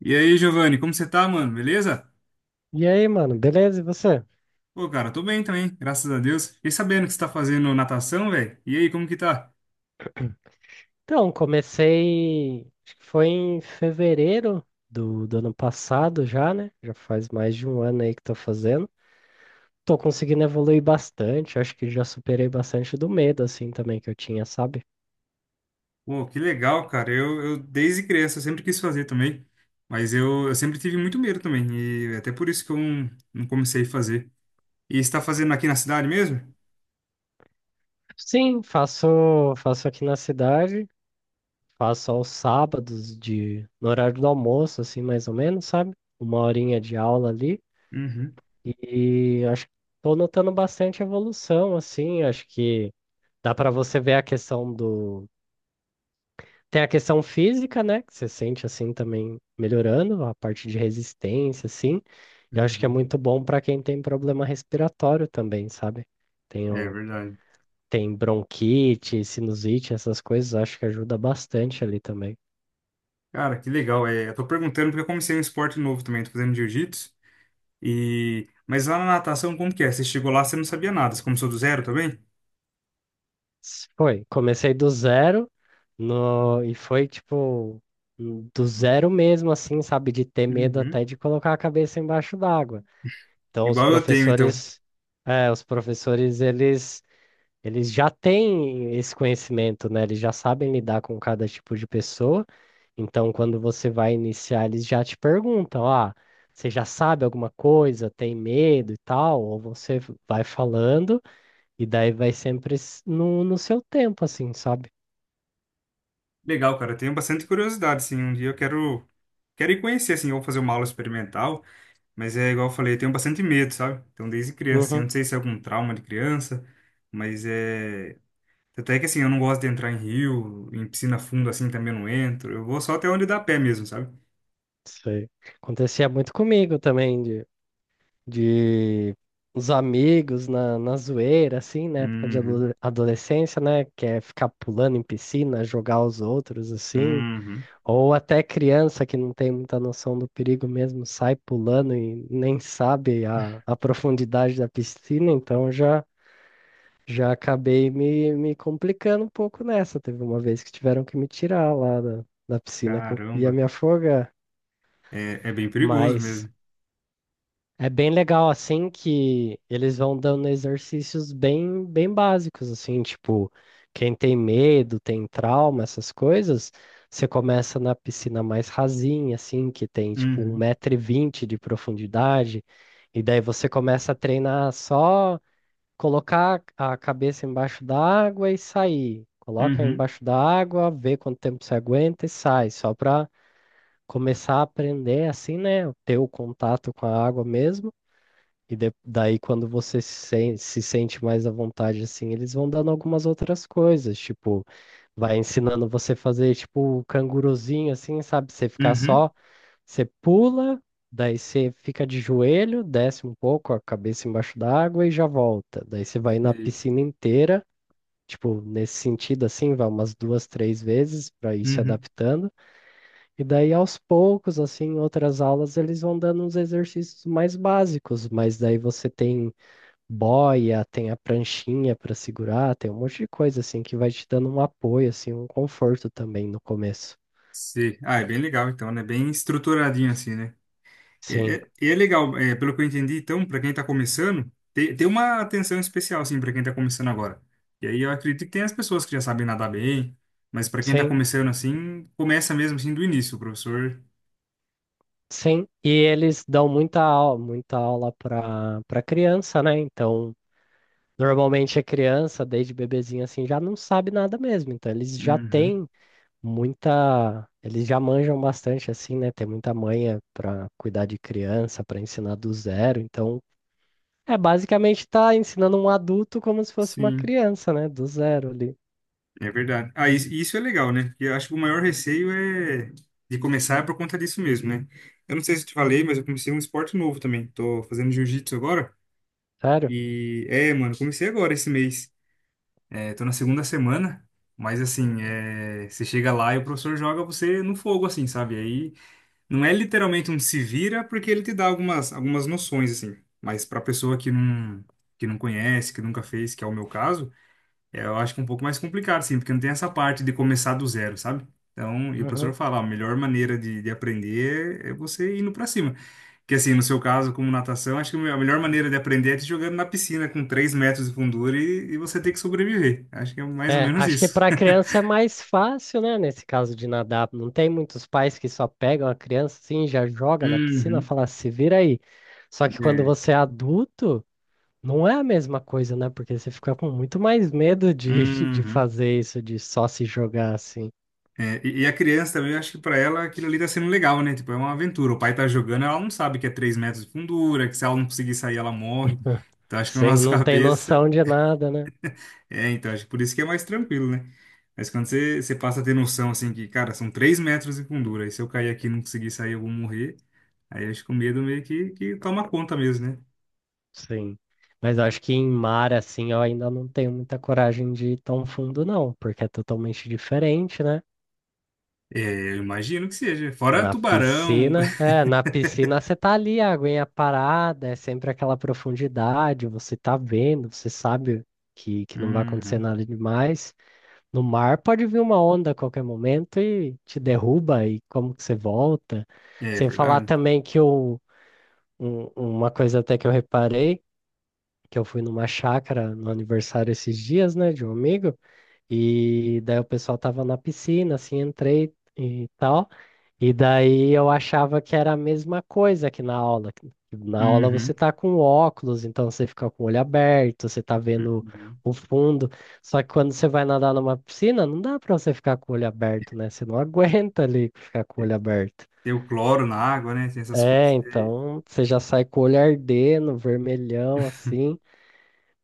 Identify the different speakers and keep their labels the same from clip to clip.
Speaker 1: E aí, Giovanni, como você tá, mano? Beleza?
Speaker 2: E aí, mano, beleza? E você?
Speaker 1: Pô, cara, tô bem também, graças a Deus. Fiquei sabendo que você tá fazendo natação, velho. E aí, como que tá?
Speaker 2: Então, comecei, acho que foi em fevereiro do ano passado já, né? Já faz mais de um ano aí que tô fazendo. Tô conseguindo evoluir bastante, acho que já superei bastante do medo, assim, também que eu tinha, sabe?
Speaker 1: Pô, que legal, cara. Eu desde criança eu sempre quis fazer também, mas eu sempre tive muito medo também, e até por isso que eu não comecei a fazer. E você tá fazendo aqui na cidade mesmo?
Speaker 2: Sim, faço aqui na cidade, faço aos sábados no horário do almoço, assim, mais ou menos, sabe? Uma horinha de aula ali.
Speaker 1: Uhum,
Speaker 2: E acho que tô notando bastante evolução, assim, acho que. Dá para você ver a questão do. Tem a questão física, né? Que você sente assim também melhorando, a parte de resistência, assim. Eu acho que é
Speaker 1: uhum.
Speaker 2: muito bom para quem tem problema respiratório também, sabe? Tem,
Speaker 1: É
Speaker 2: um...
Speaker 1: verdade.
Speaker 2: tem bronquite, sinusite, essas coisas, acho que ajuda bastante ali também.
Speaker 1: Cara, que legal. É, eu tô perguntando porque eu comecei um esporte novo também, tô fazendo jiu-jitsu. E... Mas lá na natação, como que é? Você chegou lá, você não sabia nada, você começou do zero também?
Speaker 2: Foi, comecei do zero no... e foi tipo do zero mesmo, assim, sabe? De ter medo
Speaker 1: Uhum.
Speaker 2: até de colocar a cabeça embaixo d'água. Então, os
Speaker 1: Igual eu tenho, então.
Speaker 2: professores, é, os professores, eles já têm esse conhecimento, né? Eles já sabem lidar com cada tipo de pessoa. Então, quando você vai iniciar, eles já te perguntam, ah, você já sabe alguma coisa, tem medo e tal? Ou você vai falando e daí vai sempre no seu tempo, assim, sabe?
Speaker 1: Legal, cara. Eu tenho bastante curiosidade, assim. Um dia eu quero ir conhecer, assim, ou fazer uma aula experimental. Mas é igual eu falei, eu tenho bastante medo, sabe? Então, desde criança, assim, eu
Speaker 2: Uhum.
Speaker 1: não sei se é algum trauma de criança, mas é. Até que, assim, eu não gosto de entrar em rio, em piscina fundo, assim, também eu não entro. Eu vou só até onde dá pé mesmo, sabe?
Speaker 2: Sei. Acontecia muito comigo também, de os amigos na zoeira, assim, na época de
Speaker 1: Uhum.
Speaker 2: adolescência, né? Que é ficar pulando em piscina, jogar os outros, assim.
Speaker 1: Uhum.
Speaker 2: Ou até criança que não tem muita noção do perigo mesmo, sai pulando e nem sabe a profundidade da piscina, então já. Já acabei me complicando um pouco nessa. Teve uma vez que tiveram que me tirar lá da piscina que eu ia
Speaker 1: Caramba.
Speaker 2: me afogar.
Speaker 1: É, é bem perigoso
Speaker 2: Mas
Speaker 1: mesmo.
Speaker 2: é bem legal assim que eles vão dando exercícios bem básicos assim, tipo, quem tem medo, tem trauma, essas coisas, você começa na piscina mais rasinha assim, que tem tipo um
Speaker 1: Uhum.
Speaker 2: metro e vinte de profundidade, e daí você começa a treinar só colocar a cabeça embaixo da água e sair. Coloca
Speaker 1: Uhum.
Speaker 2: embaixo da água, vê quanto tempo você aguenta e sai, só para começar a aprender assim, né, ter o contato com a água mesmo. E daí, quando você se sente mais à vontade, assim, eles vão dando algumas outras coisas, tipo, vai ensinando você a fazer, tipo, o canguruzinho, assim, sabe? Você ficar
Speaker 1: Uhum.
Speaker 2: só, você pula, daí você fica de joelho, desce um pouco, a cabeça embaixo d'água e já volta. Daí você vai na
Speaker 1: Sei.
Speaker 2: piscina inteira, tipo, nesse sentido, assim, vai umas duas, três vezes para ir se
Speaker 1: Uhum.
Speaker 2: adaptando. E daí, aos poucos, assim, em outras aulas, eles vão dando uns exercícios mais básicos, mas daí você tem boia, tem a pranchinha para segurar, tem um monte de coisa assim que vai te dando um apoio, assim, um conforto também no começo.
Speaker 1: Sim. Ah, é bem legal, então, né? Bem estruturadinho, assim, né? É,
Speaker 2: Sim,
Speaker 1: é, e é legal, é, pelo que eu entendi, então, para quem está começando, tem uma atenção especial, assim, para quem está começando agora. E aí eu acredito que tem as pessoas que já sabem nadar bem, mas para quem está
Speaker 2: sim,
Speaker 1: começando assim, começa mesmo assim do início, o professor.
Speaker 2: sim. E eles dão muita aula para criança, né? Então, normalmente a criança, desde bebezinha assim, já não sabe nada mesmo. Então, eles já
Speaker 1: Uhum,
Speaker 2: têm muita, eles já manjam bastante assim, né? Tem muita manha para cuidar de criança, para ensinar do zero. Então, é, basicamente tá ensinando um adulto como se fosse uma
Speaker 1: sim,
Speaker 2: criança, né? Do zero ali.
Speaker 1: é verdade. Ah, isso é legal, né? Porque eu acho que o maior receio é de começar por conta disso mesmo, né? Eu não sei se eu te falei, mas eu comecei um esporte novo também. Tô fazendo jiu-jitsu agora.
Speaker 2: Sério?
Speaker 1: E é, mano, comecei agora esse mês. É, tô na segunda semana, mas assim, é, você chega lá e o professor joga você no fogo, assim, sabe? Aí não é literalmente um se vira, porque ele te dá algumas noções, assim. Mas pra pessoa que não conhece, que nunca fez, que é o meu caso, é, eu acho que é um pouco mais complicado, assim, porque não tem essa parte de começar do zero, sabe? Então, e o professor
Speaker 2: Uhum.
Speaker 1: fala, "Ó, a melhor maneira de aprender é você indo pra cima. Que assim, no seu caso, como natação, acho que a melhor maneira de aprender é te jogando na piscina com 3 metros de fundura e você ter que sobreviver. Acho que é mais ou
Speaker 2: É,
Speaker 1: menos
Speaker 2: acho que
Speaker 1: isso.
Speaker 2: para criança é mais fácil, né? Nesse caso de nadar. Não tem muitos pais que só pegam a criança assim, já joga na piscina,
Speaker 1: Uhum.
Speaker 2: fala, se vira aí. Só que quando
Speaker 1: É.
Speaker 2: você é adulto, não é a mesma coisa, né? Porque você fica com muito mais medo de, de
Speaker 1: Uhum.
Speaker 2: fazer isso, de só se jogar assim.
Speaker 1: É, e a criança também, eu acho que pra ela aquilo ali tá sendo legal, né? Tipo, é uma aventura. O pai tá jogando, ela não sabe que é 3 metros de fundura, que se ela não conseguir sair, ela morre. Então acho que na
Speaker 2: Sem,
Speaker 1: nossa
Speaker 2: não tem
Speaker 1: cabeça.
Speaker 2: noção de nada, né?
Speaker 1: É, então acho que por isso que é mais tranquilo, né? Mas quando você passa a ter noção, assim, que, cara, são 3 metros de fundura, e se eu cair aqui e não conseguir sair, eu vou morrer. Aí eles com medo meio que toma conta mesmo, né?
Speaker 2: Sim. Mas eu acho que em mar, assim, eu ainda não tenho muita coragem de ir tão fundo, não, porque é totalmente diferente, né?
Speaker 1: É, eu imagino que seja. Fora
Speaker 2: Na
Speaker 1: tubarão.
Speaker 2: piscina, é, na piscina você tá ali, a aguinha parada, é sempre aquela profundidade, você tá vendo, você sabe que não vai acontecer
Speaker 1: Uhum.
Speaker 2: nada demais. No mar pode vir uma onda a qualquer momento e te derruba, e como que você volta?
Speaker 1: É
Speaker 2: Sem falar
Speaker 1: verdade.
Speaker 2: também que uma coisa até que eu reparei, que eu fui numa chácara no aniversário esses dias, né, de um amigo, e daí o pessoal tava na piscina, assim, entrei e tal, e daí eu achava que era a mesma coisa que na aula. Que Na aula você
Speaker 1: Uhum.
Speaker 2: tá com óculos, então você fica com o olho aberto, você tá vendo
Speaker 1: Uhum.
Speaker 2: o fundo. Só que quando você vai nadar numa piscina, não dá pra você ficar com o olho aberto, né? Você não aguenta ali ficar com o olho aberto.
Speaker 1: Tem o cloro na água, né? Tem essas
Speaker 2: É,
Speaker 1: coisas aí.
Speaker 2: então você já sai com o olho ardendo, vermelhão, assim.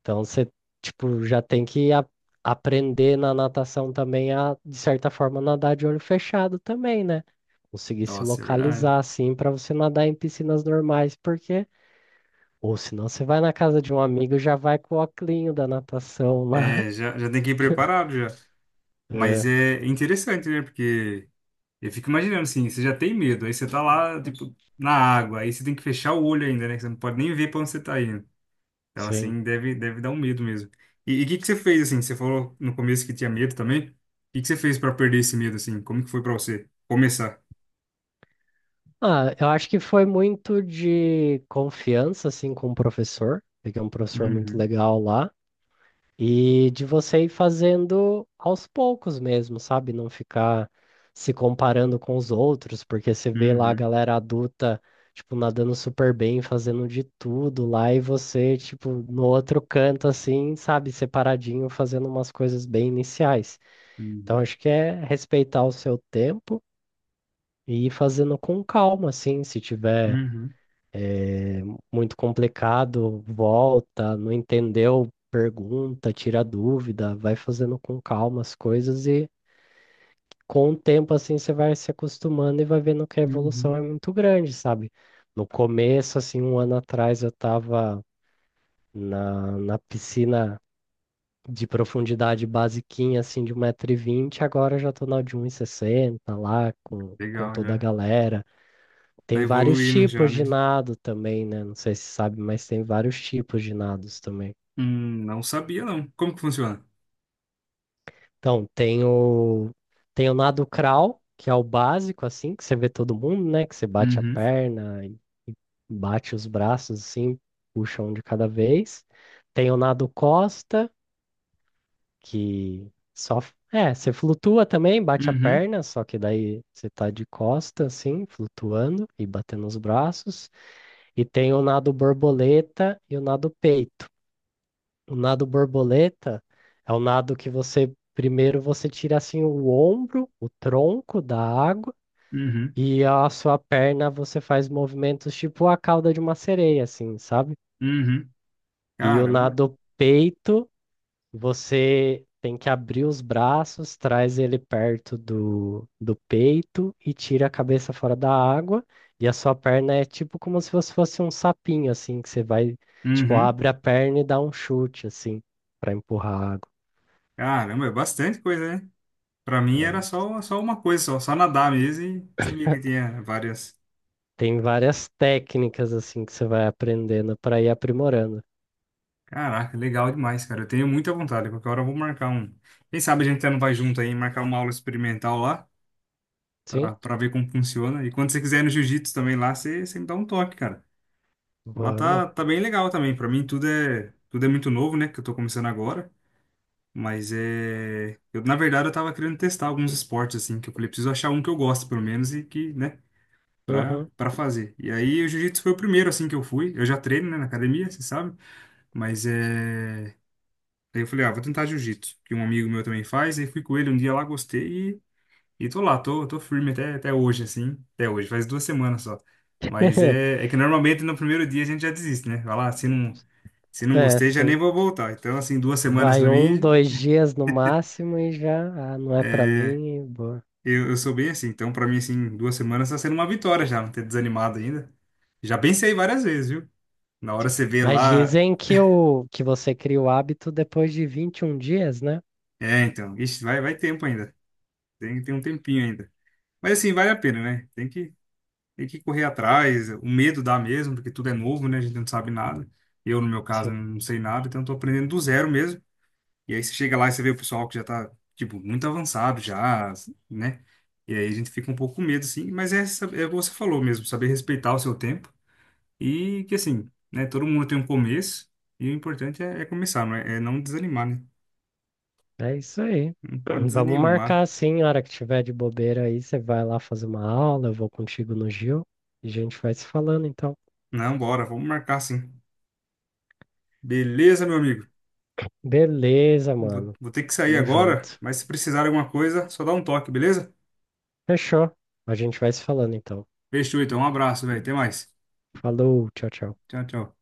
Speaker 2: Então você, tipo, já tem que aprender na natação também a, de certa forma, nadar de olho fechado também, né? Conseguir se
Speaker 1: Nossa, é verdade.
Speaker 2: localizar assim para você nadar em piscinas normais, porque ou senão você vai na casa de um amigo e já vai com o óculinho da natação lá.
Speaker 1: É, já tem que ir preparado já. Mas
Speaker 2: É,
Speaker 1: é interessante, né? Porque eu fico imaginando assim, você já tem medo, aí você tá lá, tipo, na água, aí você tem que fechar o olho ainda, né? Que você não pode nem ver pra onde você tá indo. Então,
Speaker 2: sim.
Speaker 1: assim, deve dar um medo mesmo. E o que que você fez, assim? Você falou no começo que tinha medo também. O que que você fez para perder esse medo, assim? Como que foi para você começar?
Speaker 2: Ah, eu acho que foi muito de confiança assim com o professor. Peguei um professor muito
Speaker 1: Uhum,
Speaker 2: legal lá. E de você ir fazendo aos poucos mesmo, sabe? Não ficar se comparando com os outros, porque você vê lá a
Speaker 1: uhum,
Speaker 2: galera adulta, tipo, nadando super bem, fazendo de tudo lá, e você, tipo, no outro canto, assim, sabe, separadinho, fazendo umas coisas bem iniciais. Então,
Speaker 1: uhum,
Speaker 2: acho que é respeitar o seu tempo e ir fazendo com calma, assim, se tiver
Speaker 1: uhum,
Speaker 2: muito complicado, volta, não entendeu, pergunta, tira dúvida, vai fazendo com calma as coisas e com o tempo assim você vai se acostumando e vai vendo que a
Speaker 1: uhum.
Speaker 2: evolução é muito grande, sabe? No começo, assim, um ano atrás eu tava na piscina de profundidade basiquinha, assim, de 1,20 m agora eu já tô na de 160 sessenta lá com,
Speaker 1: Legal,
Speaker 2: toda a
Speaker 1: já.
Speaker 2: galera.
Speaker 1: Tá
Speaker 2: Tem vários
Speaker 1: evoluindo já,
Speaker 2: tipos de
Speaker 1: né?
Speaker 2: nado também, né? Não sei se sabe, mas tem vários tipos de nados também.
Speaker 1: Não sabia, não. Como que funciona?
Speaker 2: Então, tem o nado crawl, que é o básico, assim, que você vê todo mundo, né? Que você bate a
Speaker 1: Uhum,
Speaker 2: perna, e bate os braços, assim, puxa um de cada vez. Tem o nado costa, que só... É, você flutua também, bate a
Speaker 1: uhum,
Speaker 2: perna, só que daí você tá de costa, assim, flutuando e batendo os braços. E tem o nado borboleta e o nado peito. O nado borboleta é o nado que você primeiro você tira assim o ombro, o tronco da água
Speaker 1: uhum,
Speaker 2: e a sua perna você faz movimentos tipo a cauda de uma sereia assim, sabe?
Speaker 1: uhum.
Speaker 2: E o
Speaker 1: Caramba.
Speaker 2: nado peito você tem que abrir os braços, traz ele perto do peito e tira a cabeça fora da água e a sua perna é tipo como se você fosse um sapinho assim que você vai tipo
Speaker 1: Uhum.
Speaker 2: abre a perna e dá um chute assim para empurrar a água.
Speaker 1: Caramba, é bastante coisa, né? Pra mim
Speaker 2: É,
Speaker 1: era só uma coisa, só nadar mesmo e sabia que tinha várias.
Speaker 2: tem várias técnicas assim que você vai aprendendo para ir aprimorando.
Speaker 1: Caraca, legal demais, cara. Eu tenho muita vontade. Qualquer hora eu vou marcar um. Quem sabe a gente até não vai junto aí, marcar uma aula experimental lá,
Speaker 2: Sim,
Speaker 1: pra ver como funciona. E quando você quiser ir no jiu-jitsu também lá, você me dá um toque, cara. Lá
Speaker 2: vamos.
Speaker 1: tá bem legal também. Pra mim tudo é muito novo, né? Que eu tô começando agora. Mas é. Eu, na verdade, eu tava querendo testar alguns esportes, assim, que eu falei, preciso achar um que eu gosto, pelo menos, e que, né, pra,
Speaker 2: Uhum.
Speaker 1: pra fazer. E aí o jiu-jitsu foi o primeiro, assim, que eu fui. Eu já treino, né, na academia, você sabe. Mas é. Aí eu falei, ah, vou tentar jiu-jitsu, que um amigo meu também faz. Aí fui com ele um dia lá, gostei e tô lá, tô firme até hoje, assim. Até hoje, faz 2 semanas só. Mas é, é que normalmente no primeiro dia a gente já desiste, né? Vai lá, se não
Speaker 2: É,
Speaker 1: gostei, já nem
Speaker 2: sim.
Speaker 1: vou voltar. Então, assim, 2 semanas
Speaker 2: Vai
Speaker 1: pra
Speaker 2: um,
Speaker 1: mim,
Speaker 2: dois dias no máximo e já, ah, não é para
Speaker 1: é,
Speaker 2: mim, e boa.
Speaker 1: eu sou bem assim. Então, pra mim, assim, 2 semanas tá sendo uma vitória já, não ter desanimado ainda. Já pensei várias vezes, viu? Na hora você vê
Speaker 2: Mas
Speaker 1: lá.
Speaker 2: dizem que o que você cria o hábito depois de 21 dias, né?
Speaker 1: É, então, ixi, vai tempo ainda. Tem um tempinho ainda. Mas assim, vale a pena, né? Tem que correr atrás, o medo dá mesmo, porque tudo é novo, né? A gente não sabe nada. Eu, no meu caso,
Speaker 2: Sim.
Speaker 1: não sei nada, então estou aprendendo do zero mesmo. E aí você chega lá e você vê o pessoal que já está tipo, muito avançado já, né? E aí a gente fica um pouco com medo, assim. Mas é, é o que você falou mesmo, saber respeitar o seu tempo. E que, assim, né? Todo mundo tem um começo. E o importante é começar, não é não desanimar, né?
Speaker 2: É isso aí.
Speaker 1: Não pode
Speaker 2: Vamos marcar
Speaker 1: desanimar.
Speaker 2: assim, a hora que tiver de bobeira aí, você vai lá fazer uma aula, eu vou contigo no Gil e a gente vai se falando então.
Speaker 1: Não, bora, vamos marcar sim. Beleza, meu amigo?
Speaker 2: Beleza,
Speaker 1: Vou,
Speaker 2: mano.
Speaker 1: vou ter que sair
Speaker 2: Tamo
Speaker 1: agora,
Speaker 2: junto.
Speaker 1: mas se precisar de alguma coisa, só dá um toque, beleza?
Speaker 2: Fechou. A gente vai se falando então.
Speaker 1: Fechou, então. Um abraço, velho. Até mais.
Speaker 2: Falou, tchau, tchau.
Speaker 1: Tchau, tchau.